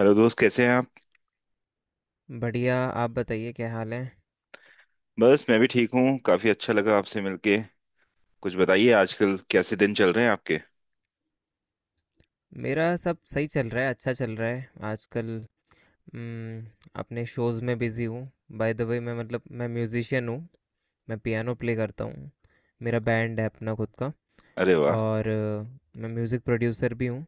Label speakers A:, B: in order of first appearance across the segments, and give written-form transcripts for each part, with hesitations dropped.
A: Hello दोस्त, कैसे हैं आप?
B: बढ़िया, आप बताइए क्या हाल है?
A: बस मैं भी ठीक हूँ। काफी अच्छा लगा आपसे मिलके। कुछ बताइए, आजकल कैसे दिन चल रहे हैं आपके?
B: मेरा सब सही चल रहा है, अच्छा चल रहा है। आजकल उम, अपने शोज़ में बिज़ी हूँ। बाय द वे मैं, मतलब, मैं म्यूज़िशियन हूँ, मैं पियानो प्ले करता हूँ। मेरा बैंड है अपना खुद का।
A: अरे वाह।
B: और मैं म्यूज़िक प्रोड्यूसर भी हूँ,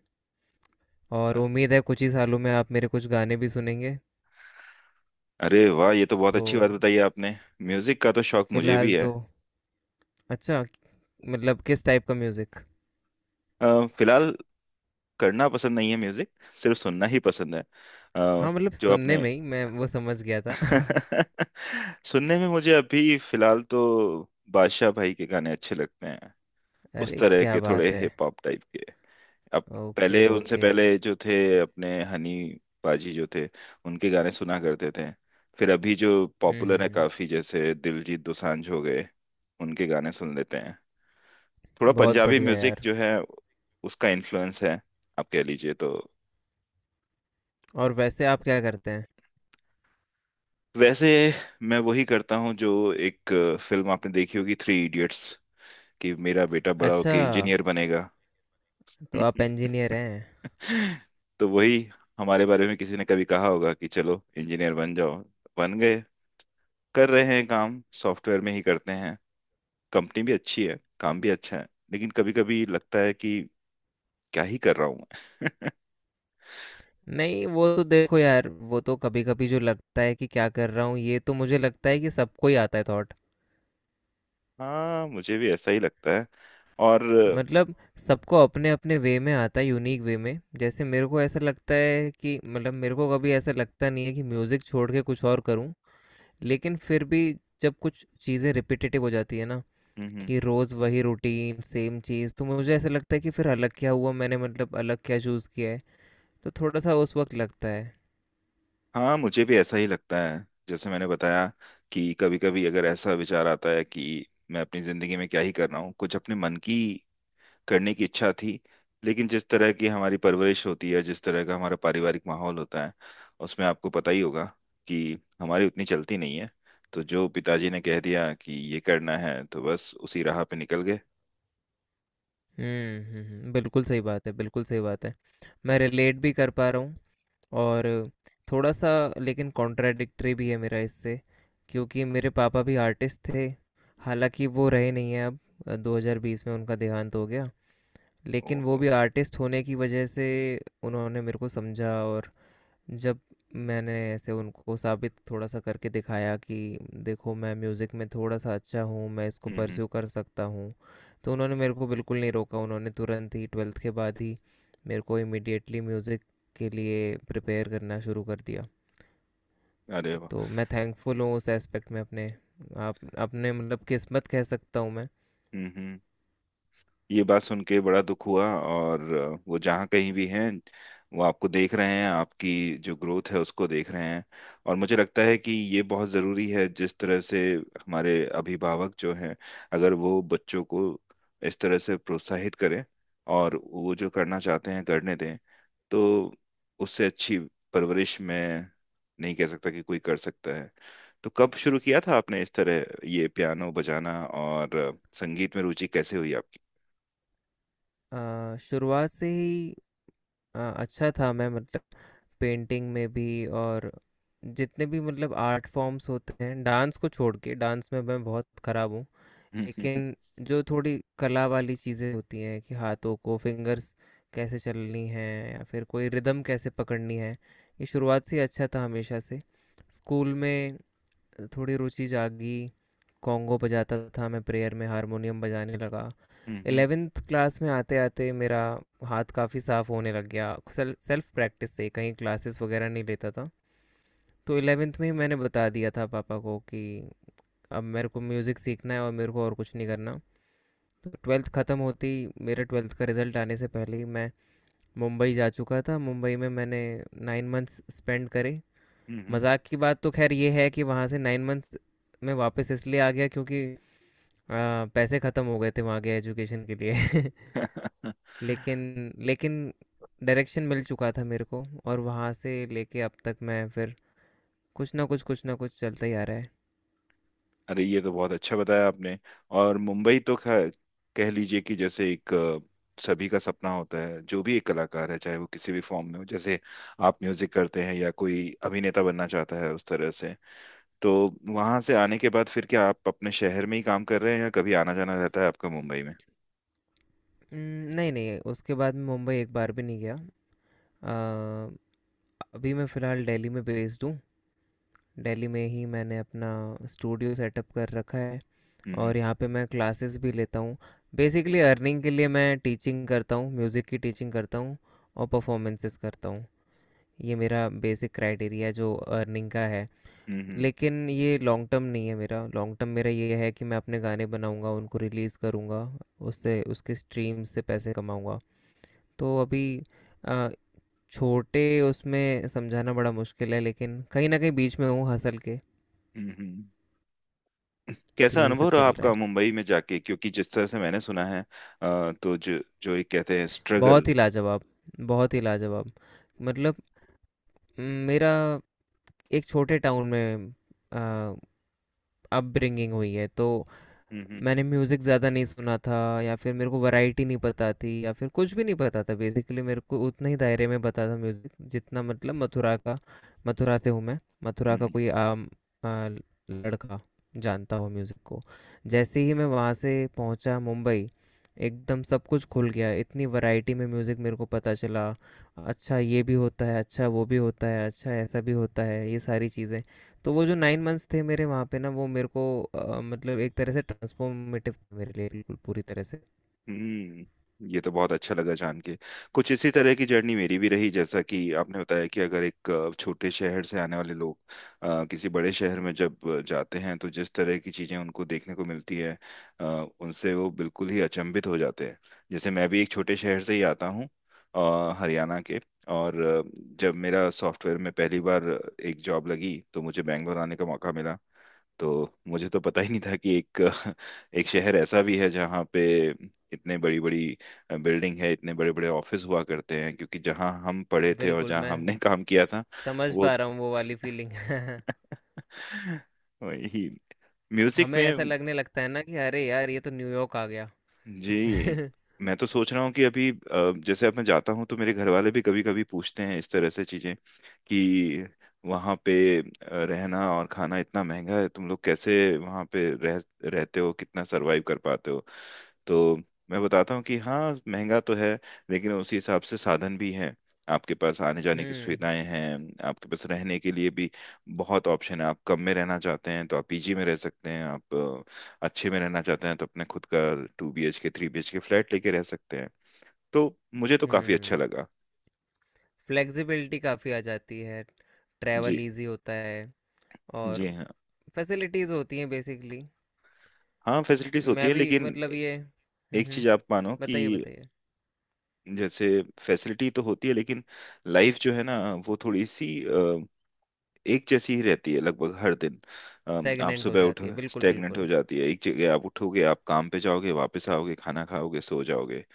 B: और उम्मीद है कुछ ही सालों में आप मेरे कुछ गाने भी सुनेंगे।
A: अरे वाह, ये तो बहुत
B: तो
A: अच्छी बात बताई आपने। म्यूजिक का तो शौक मुझे भी
B: फ़िलहाल
A: है।
B: तो अच्छा, मतलब, किस टाइप का म्यूज़िक?
A: फिलहाल करना पसंद नहीं है म्यूजिक। सिर्फ सुनना ही पसंद है। अ,
B: हाँ, मतलब
A: जो
B: सुनने
A: आपने
B: में ही मैं वो समझ गया था।
A: सुनने में मुझे अभी फिलहाल तो बादशाह भाई के गाने अच्छे लगते हैं। उस
B: अरे,
A: तरह
B: क्या
A: के थोड़े
B: बात है!
A: हिप हॉप टाइप के। अब,
B: ओके,
A: पहले उनसे
B: ओके।
A: पहले जो थे अपने हनी पाजी जो थे, उनके गाने सुना करते थे। फिर अभी जो
B: हुँ,
A: पॉपुलर
B: हुँ,
A: है
B: हुँ।
A: काफी, जैसे दिलजीत दोसांझ हो गए, उनके गाने सुन लेते हैं। थोड़ा
B: बहुत
A: पंजाबी
B: बढ़िया
A: म्यूजिक
B: यार।
A: जो है, उसका इन्फ्लुएंस है, आप कह लीजिए तो।
B: और वैसे आप क्या करते हैं?
A: वैसे मैं वही करता हूँ जो एक फिल्म आपने देखी होगी, थ्री इडियट्स, कि मेरा बेटा बड़ा
B: अच्छा,
A: होके इंजीनियर बनेगा।
B: तो आप इंजीनियर हैं।
A: तो वही, हमारे बारे में किसी ने कभी कहा होगा कि चलो इंजीनियर बन जाओ, बन गए। कर रहे हैं काम, सॉफ्टवेयर में ही करते हैं। कंपनी भी अच्छी है, काम भी अच्छा है। लेकिन कभी कभी लगता है कि क्या ही कर रहा हूँ मैं।
B: नहीं, वो तो देखो यार, वो तो कभी-कभी जो लगता है कि क्या कर रहा हूँ, ये तो मुझे लगता है कि सबको ही आता है थॉट।
A: हाँ, मुझे भी ऐसा ही लगता है। और हम्म।
B: मतलब सबको अपने-अपने वे में आता है, यूनिक वे में। जैसे मेरे को ऐसा लगता है कि, मतलब, मेरे को कभी ऐसा लगता नहीं है कि म्यूज़िक छोड़ के कुछ और करूँ। लेकिन फिर भी जब कुछ चीज़ें रिपिटेटिव हो जाती है ना,
A: हम्म,
B: कि रोज़ वही रूटीन, सेम चीज़, तो मुझे ऐसा लगता है कि फिर अलग क्या हुआ मैंने, मतलब अलग क्या चूज़ किया है। तो थोड़ा-सा उस वक़्त लगता है।
A: हाँ, मुझे भी ऐसा ही लगता है, जैसे मैंने बताया कि कभी कभी अगर ऐसा विचार आता है कि मैं अपनी जिंदगी में क्या ही कर रहा हूँ। कुछ अपने मन की करने की इच्छा थी। लेकिन जिस तरह की हमारी परवरिश होती है, जिस तरह का हमारा पारिवारिक माहौल होता है, उसमें आपको पता ही होगा कि हमारी उतनी चलती नहीं है। तो जो पिताजी ने कह दिया कि ये करना है तो बस उसी राह पे निकल गए।
B: हुँ, हुँ, हुँ। बिल्कुल सही बात है, बिल्कुल सही बात है। मैं रिलेट भी कर पा रहा हूँ, और थोड़ा-सा लेकिन कॉन्ट्राडिक्टरी भी है मेरा इससे, क्योंकि मेरे पापा भी आर्टिस्ट थे। हालाँकि वो रहे नहीं हैं अब। 2020 में उनका देहांत हो गया। लेकिन वो
A: ओहो।
B: भी आर्टिस्ट होने की वजह से उन्होंने मेरे को समझा। और जब मैंने ऐसे उनको साबित थोड़ा सा करके दिखाया कि देखो मैं म्यूज़िक में थोड़ा सा अच्छा हूँ, मैं इसको
A: हम्म, हम्म।
B: परस्यू कर सकता हूँ, तो उन्होंने मेरे को बिल्कुल नहीं रोका। उन्होंने तुरंत ही ट्वेल्थ के बाद ही मेरे को इमिडिएटली म्यूज़िक के लिए प्रिपेयर करना शुरू कर दिया।
A: अरे वाह।
B: तो मैं थैंकफुल हूँ उस एस्पेक्ट में, अपने आप, अपने मतलब किस्मत कह सकता हूँ मैं।
A: हम्म, हम्म। ये बात सुन के बड़ा दुख हुआ, और वो जहाँ कहीं भी हैं, वो आपको देख रहे हैं, आपकी जो ग्रोथ है उसको देख रहे हैं। और मुझे लगता है कि ये बहुत ज़रूरी है, जिस तरह से हमारे अभिभावक जो हैं, अगर वो बच्चों को इस तरह से प्रोत्साहित करें और वो जो करना चाहते हैं करने दें, तो उससे अच्छी परवरिश मैं नहीं कह सकता कि कोई कर सकता है। तो कब शुरू किया था आपने इस तरह ये पियानो बजाना, और संगीत में रुचि कैसे हुई?
B: शुरुआत से ही अच्छा था मैं, मतलब पेंटिंग में भी, और जितने भी, मतलब, आर्ट फॉर्म्स होते हैं, डांस को छोड़ के। डांस में मैं बहुत खराब हूँ,
A: हम्म,
B: लेकिन जो थोड़ी कला वाली चीज़ें होती हैं कि हाथों को फिंगर्स कैसे चलनी है या फिर कोई रिदम कैसे पकड़नी है, ये शुरुआत से ही अच्छा था हमेशा से। स्कूल में थोड़ी रुचि जागी, कॉन्गो बजाता था मैं, प्रेयर में हारमोनियम बजाने लगा।
A: हम्म,
B: एलेवेंथ क्लास में आते आते मेरा हाथ काफ़ी साफ होने लग गया, सेल्फ प्रैक्टिस से, कहीं क्लासेस वगैरह नहीं लेता था। तो 11th में ही मैंने बता दिया था पापा को कि अब मेरे को म्यूज़िक सीखना है और मेरे को और कुछ नहीं करना। तो ट्वेल्थ ख़त्म होती, मेरे ट्वेल्थ का रिज़ल्ट आने से पहले ही मैं मुंबई जा चुका था। मुंबई में मैंने नाइन मंथ्स स्पेंड करे।
A: हम्म, हम्म।
B: मज़ाक की बात तो खैर ये है कि वहाँ से नाइन मंथ्स में वापस इसलिए आ गया क्योंकि पैसे ख़त्म हो गए थे वहाँ के एजुकेशन के लिए। लेकिन, लेकिन डायरेक्शन मिल चुका था मेरे को। और वहाँ से लेके अब तक मैं फिर कुछ ना कुछ चलता ही आ रहा है।
A: अरे, ये तो बहुत अच्छा बताया आपने। और मुंबई तो कह लीजिए कि जैसे एक सभी का सपना होता है, जो भी एक कलाकार है चाहे वो किसी भी फॉर्म में हो, जैसे आप म्यूजिक करते हैं या कोई अभिनेता बनना चाहता है, उस तरह से। तो वहां से आने के बाद फिर क्या आप अपने शहर में ही काम कर रहे हैं, या कभी आना जाना रहता है आपका मुंबई में?
B: उम, नहीं, नहीं, उसके बाद मैं मुंबई एक बार भी नहीं गया। अ, अभी मैं फ़िलहाल दिल्ली में बेस्ड हूँ। दिल्ली में ही मैंने अपना स्टूडियो सेटअप कर रखा है,
A: हम्म,
B: और यहाँ पे मैं क्लासेस भी लेता हूँ। बेसिकली अर्निंग के लिए मैं टीचिंग करता हूँ, म्यूज़िक की टीचिंग करता हूँ, और परफॉर्मेंसेस करता हूँ। ये मेरा बेसिक क्राइटेरिया जो अर्निंग का है।
A: हम्म, हम्म,
B: लेकिन ये लॉन्ग टर्म नहीं है मेरा। लॉन्ग टर्म मेरा ये है कि मैं अपने गाने बनाऊँगा, उनको रिलीज़ करूँगा, उससे, उसके स्ट्रीम से पैसे कमाऊँगा। तो अभी अ, छोटे, उसमें समझाना बड़ा मुश्किल है, लेकिन कहीं ना कहीं बीच में हूँ हसल के,
A: हम्म, हम्म, हम्म।
B: तो
A: कैसा
B: यही
A: अनुभव
B: सब
A: रहा
B: चल रहा
A: आपका
B: है।
A: मुंबई में जाके, क्योंकि जिस तरह से मैंने सुना है तो जो जो एक कहते हैं स्ट्रगल।
B: बहुत ही लाजवाब, बहुत ही लाजवाब। मतलब म, मेरा एक छोटे टाउन में अपब्रिंगिंग हुई है, तो
A: हम्म, हम्म,
B: मैंने म्यूज़िक ज़्यादा नहीं सुना था, या फिर मेरे को वैरायटी नहीं पता थी, या फिर कुछ भी नहीं पता था बेसिकली। मेरे को उतना ही दायरे में पता था म्यूज़िक, जितना, मतलब, मथुरा का। मथुरा से हूँ मैं, मथुरा का
A: हम्म,
B: कोई आम आ, लड़का जानता हो म्यूज़िक को। जैसे ही मैं वहाँ से पहुँचा मुंबई, एकदम सब कुछ खुल गया, इतनी वैरायटी में म्यूज़िक मेरे को पता चला। अच्छा ये भी होता है, अच्छा वो भी होता है, अच्छा ऐसा भी होता है, ये सारी चीज़ें। तो वो जो 9 मंथ्स थे मेरे वहाँ पे ना, वो मेरे को मतलब एक तरह से ट्रांसफॉर्मेटिव था मेरे लिए, बिल्कुल पूरी तरह से।
A: हम्म। ये तो बहुत अच्छा लगा जान के। कुछ इसी तरह की जर्नी मेरी भी रही, जैसा कि आपने बताया कि अगर एक छोटे शहर से आने वाले लोग किसी बड़े शहर में जब जाते हैं, तो जिस तरह की चीजें उनको देखने को मिलती है, अ, उनसे वो बिल्कुल ही अचंभित हो जाते हैं। जैसे मैं भी एक छोटे शहर से ही आता हूँ, हरियाणा के। और जब मेरा सॉफ्टवेयर में पहली बार एक जॉब लगी तो मुझे बैंगलोर आने का मौका मिला। तो मुझे तो पता ही नहीं था कि एक एक शहर ऐसा भी है जहाँ पे इतने बड़ी बड़ी बिल्डिंग है, इतने बड़े बड़े ऑफिस हुआ करते हैं, क्योंकि जहाँ हम पढ़े थे और
B: बिल्कुल,
A: जहाँ
B: मैं
A: हमने काम किया था।
B: समझ
A: वो
B: पा रहा हूँ वो वाली फीलिंग।
A: वही म्यूजिक
B: हमें ऐसा
A: में।
B: लगने लगता है ना कि अरे यार, ये तो न्यूयॉर्क आ गया।
A: जी। मैं तो सोच रहा हूँ कि अभी जैसे अब मैं जाता हूँ तो मेरे घर वाले भी कभी कभी पूछते हैं इस तरह से चीजें, कि वहाँ पे रहना और खाना इतना महंगा है, तुम लोग कैसे वहाँ पे रह रहते हो, कितना सरवाइव कर पाते हो। तो मैं बताता हूँ कि हाँ महंगा तो है, लेकिन उसी हिसाब से साधन भी हैं। आपके पास आने जाने की
B: हम्म,
A: सुविधाएं हैं, आपके पास रहने के लिए भी बहुत ऑप्शन है। आप कम में रहना चाहते हैं तो आप पीजी में रह सकते हैं। आप अच्छे में रहना चाहते हैं तो अपने खुद का 2 BHK 3 BHK फ्लैट लेके रह सकते हैं। तो मुझे तो काफी अच्छा
B: हम्म।
A: लगा।
B: फ्लेक्सिबिलिटी काफ़ी आ जाती है,
A: जी।
B: ट्रैवल इजी होता है, और
A: जी, हाँ।
B: फैसिलिटीज़ होती हैं बेसिकली।
A: हाँ, फैसिलिटीज होती
B: मैं
A: है,
B: भी,
A: लेकिन
B: मतलब, ये हम्म,
A: एक चीज आप मानो कि
B: बताइए, बताइए।
A: जैसे, फैसिलिटी तो होती है लेकिन लाइफ जो है ना, वो थोड़ी सी एक जैसी ही रहती है लगभग हर दिन। आप
B: स्टैगनेंट हो
A: सुबह
B: जाती
A: उठो,
B: है, बिल्कुल
A: स्टेगनेंट हो
B: बिल्कुल।
A: जाती है एक जगह, आप उठोगे, आप काम पे जाओगे, वापस आओगे, खाना खाओगे, सो जाओगे।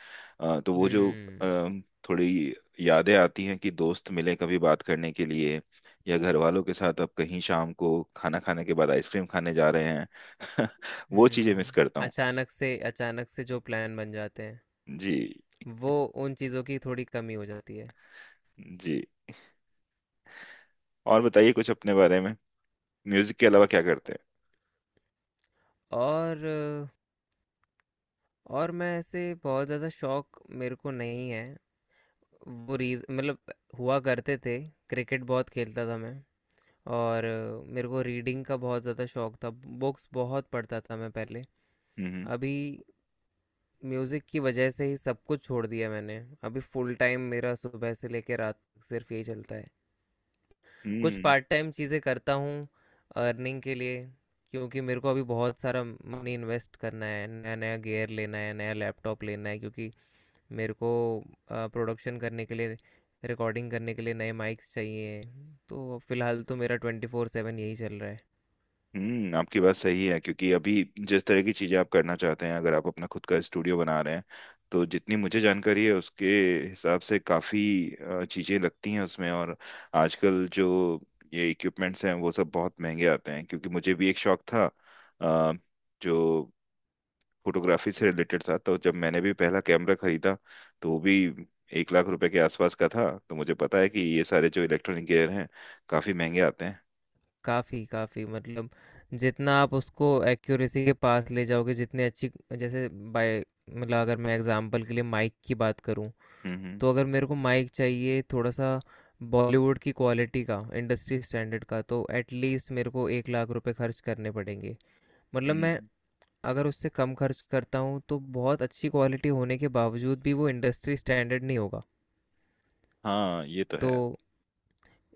A: तो वो जो
B: हम्म,
A: अम, थोड़ी यादें आती हैं कि दोस्त मिले कभी बात करने के लिए, या घर वालों के साथ आप कहीं शाम को खाना खाने के बाद आइसक्रीम खाने जा रहे हैं। वो चीजें मिस करता
B: हम्म।
A: हूँ।
B: अचानक से, अचानक से जो प्लान बन जाते हैं,
A: जी।
B: वो, उन चीज़ों की थोड़ी कमी हो जाती है।
A: जी। और बताइए कुछ अपने बारे में, म्यूजिक के अलावा क्या करते हैं?
B: और और मैं, ऐसे बहुत ज़्यादा शौक मेरे को नहीं है। वो रीज मतलब हुआ करते थे, क्रिकेट बहुत खेलता था मैं। और मेरे को रीडिंग का बहुत ज़्यादा शौक था, बुक्स बहुत पढ़ता था मैं पहले।
A: हम्म,
B: अभी म्यूज़िक की वजह से ही सब कुछ छोड़ दिया मैंने। अभी फुल टाइम मेरा सुबह से लेकर रात तक सिर्फ यही चलता है, कुछ
A: हम्म,
B: पार्ट टाइम चीज़ें करता हूँ अर्निंग के लिए, क्योंकि मेरे को अभी बहुत सारा मनी इन्वेस्ट करना है। नया नया गियर लेना है, नया लैपटॉप लेना है, क्योंकि मेरे को प्रोडक्शन करने के लिए, रिकॉर्डिंग करने के लिए नए माइक्स चाहिए। तो फिलहाल तो मेरा 24/7 यही चल रहा है।
A: हम्म। आपकी बात सही है, क्योंकि अभी जिस तरह की चीजें आप करना चाहते हैं, अगर आप अपना खुद का स्टूडियो बना रहे हैं, तो जितनी मुझे जानकारी है उसके हिसाब से काफी चीजें लगती हैं उसमें। और आजकल जो ये इक्विपमेंट्स हैं वो सब बहुत महंगे आते हैं, क्योंकि मुझे भी एक शौक था, अ, जो फोटोग्राफी से रिलेटेड था, तो जब मैंने भी पहला कैमरा खरीदा तो वो भी 1 लाख रुपए के आसपास का था। तो मुझे पता है कि ये सारे जो इलेक्ट्रॉनिक गियर हैं काफी महंगे आते हैं।
B: काफ़ी काफ़ी, मतलब जितना आप उसको एक्यूरेसी के पास ले जाओगे, जितने अच्छी, जैसे बाय, मतलब, अगर मैं एग्जांपल के लिए माइक की बात करूं,
A: हम्म, हम्म,
B: तो अगर मेरे को माइक चाहिए थोड़ा सा बॉलीवुड की क्वालिटी का, इंडस्ट्री स्टैंडर्ड का, तो एटलीस्ट मेरे को 1 लाख रुपए खर्च करने पड़ेंगे। मतलब मैं,
A: हम्म।
B: अगर उससे कम खर्च करता हूँ तो बहुत अच्छी क्वालिटी होने के बावजूद भी वो इंडस्ट्री स्टैंडर्ड नहीं होगा।
A: हाँ, ये तो
B: तो
A: है।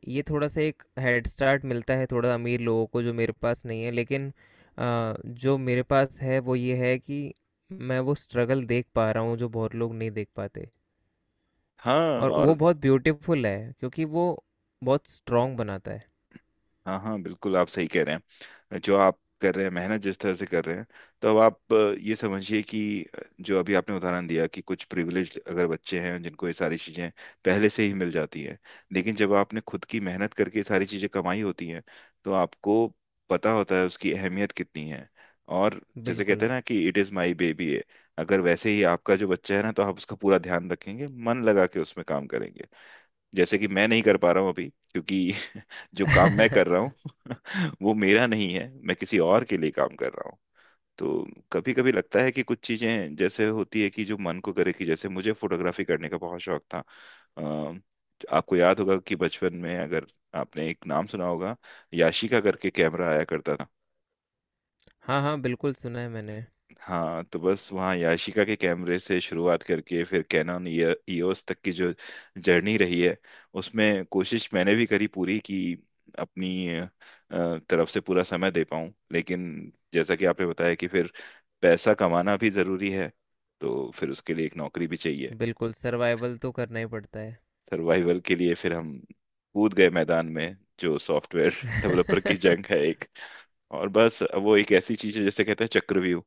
B: ये थोड़ा सा एक हेड स्टार्ट मिलता है थोड़ा अमीर लोगों को, जो मेरे पास नहीं है। लेकिन जो मेरे पास है वो ये है कि मैं वो स्ट्रगल देख पा रहा हूँ जो बहुत लोग नहीं देख पाते,
A: हाँ,
B: और वो
A: और।
B: बहुत ब्यूटीफुल है, क्योंकि वो बहुत स्ट्रॉन्ग बनाता है।
A: हाँ, हाँ, बिल्कुल, आप सही कह रहे हैं जो आप कर रहे हैं, मेहनत जिस तरह से कर रहे हैं। तो अब आप ये समझिए कि जो अभी आपने उदाहरण दिया कि कुछ प्रिविलेज अगर बच्चे हैं जिनको ये सारी चीज़ें पहले से ही मिल जाती हैं। लेकिन जब आपने खुद की मेहनत करके ये सारी चीज़ें कमाई होती हैं, तो आपको पता होता है उसकी अहमियत कितनी है। और जैसे कहते
B: बिल्कुल।
A: हैं ना कि इट इज़ माई बेबी है। अगर वैसे ही आपका जो बच्चा है ना, तो आप उसका पूरा ध्यान रखेंगे, मन लगा के उसमें काम करेंगे। जैसे कि मैं नहीं कर पा रहा हूँ अभी, क्योंकि जो काम मैं कर रहा हूँ वो मेरा नहीं है, मैं किसी और के लिए काम कर रहा हूँ। तो कभी कभी लगता है कि कुछ चीजें जैसे होती है कि जो मन को करे, कि जैसे मुझे फोटोग्राफी करने का बहुत शौक था। अ, आपको याद होगा कि बचपन में अगर आपने एक नाम सुना होगा, याशिका करके कैमरा आया करता था।
B: हाँ, हाँ, बिल्कुल सुना है मैंने।
A: हाँ, तो बस वहाँ याशिका के कैमरे से शुरुआत करके फिर कैनन ईओएस तक की जो जर्नी रही है, उसमें कोशिश मैंने भी करी पूरी, कि अपनी तरफ से पूरा समय दे पाऊँ, लेकिन जैसा कि आपने बताया कि फिर पैसा कमाना भी ज़रूरी है। तो फिर उसके लिए एक नौकरी भी चाहिए।
B: बिल्कुल सर्वाइवल तो करना ही पड़ता है।
A: सर्वाइवल के लिए फिर हम कूद गए मैदान में, जो सॉफ्टवेयर डेवलपर की जंग है एक। और बस वो एक ऐसी चीज़ है जैसे कहते हैं चक्रव्यूह,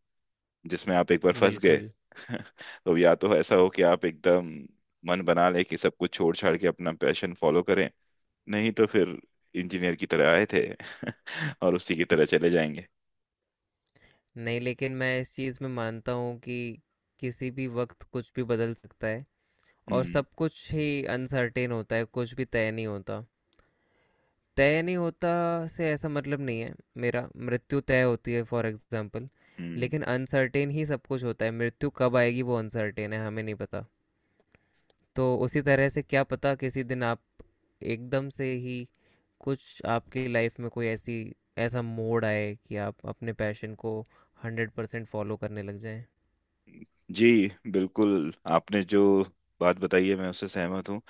A: जिसमें आप एक बार फंस गए।
B: बिल्कुल।
A: तो या तो ऐसा हो कि आप एकदम मन बना लें कि सब कुछ छोड़ छाड़ के अपना पैशन फॉलो करें, नहीं तो फिर इंजीनियर की तरह आए थे और उसी की तरह चले जाएंगे।
B: नहीं, लेकिन मैं इस चीज़ में मानता हूँ कि किसी भी वक्त कुछ भी बदल सकता है, और
A: हम्म,
B: सब कुछ ही अनसर्टेन होता है, कुछ भी तय नहीं होता। तय नहीं होता से ऐसा मतलब नहीं है मेरा, मृत्यु तय होती है फॉर एग्जांपल,
A: हम्म।
B: लेकिन अनसर्टेन ही सब कुछ होता है। मृत्यु कब आएगी वो अनसर्टेन है, हमें नहीं पता। तो उसी तरह से क्या पता किसी दिन आप एकदम से ही, कुछ आपकी लाइफ में कोई ऐसी, ऐसा मोड़ आए कि आप अपने पैशन को 100% फॉलो करने लग जाएं।
A: जी, बिल्कुल, आपने जो बात बताई है मैं उससे सहमत हूँ।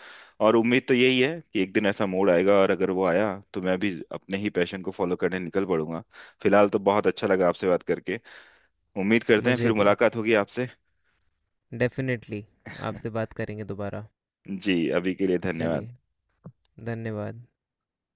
A: और उम्मीद तो यही है कि एक दिन ऐसा मोड़ आएगा, और अगर वो आया तो मैं भी अपने ही पैशन को फॉलो करने निकल पड़ूंगा। फिलहाल तो बहुत अच्छा लगा आपसे बात करके। उम्मीद करते हैं फिर
B: मुझे भी,
A: मुलाकात होगी आपसे।
B: डेफिनेटली, आपसे बात करेंगे दोबारा।
A: जी, अभी के लिए धन्यवाद।
B: चलिए, धन्यवाद।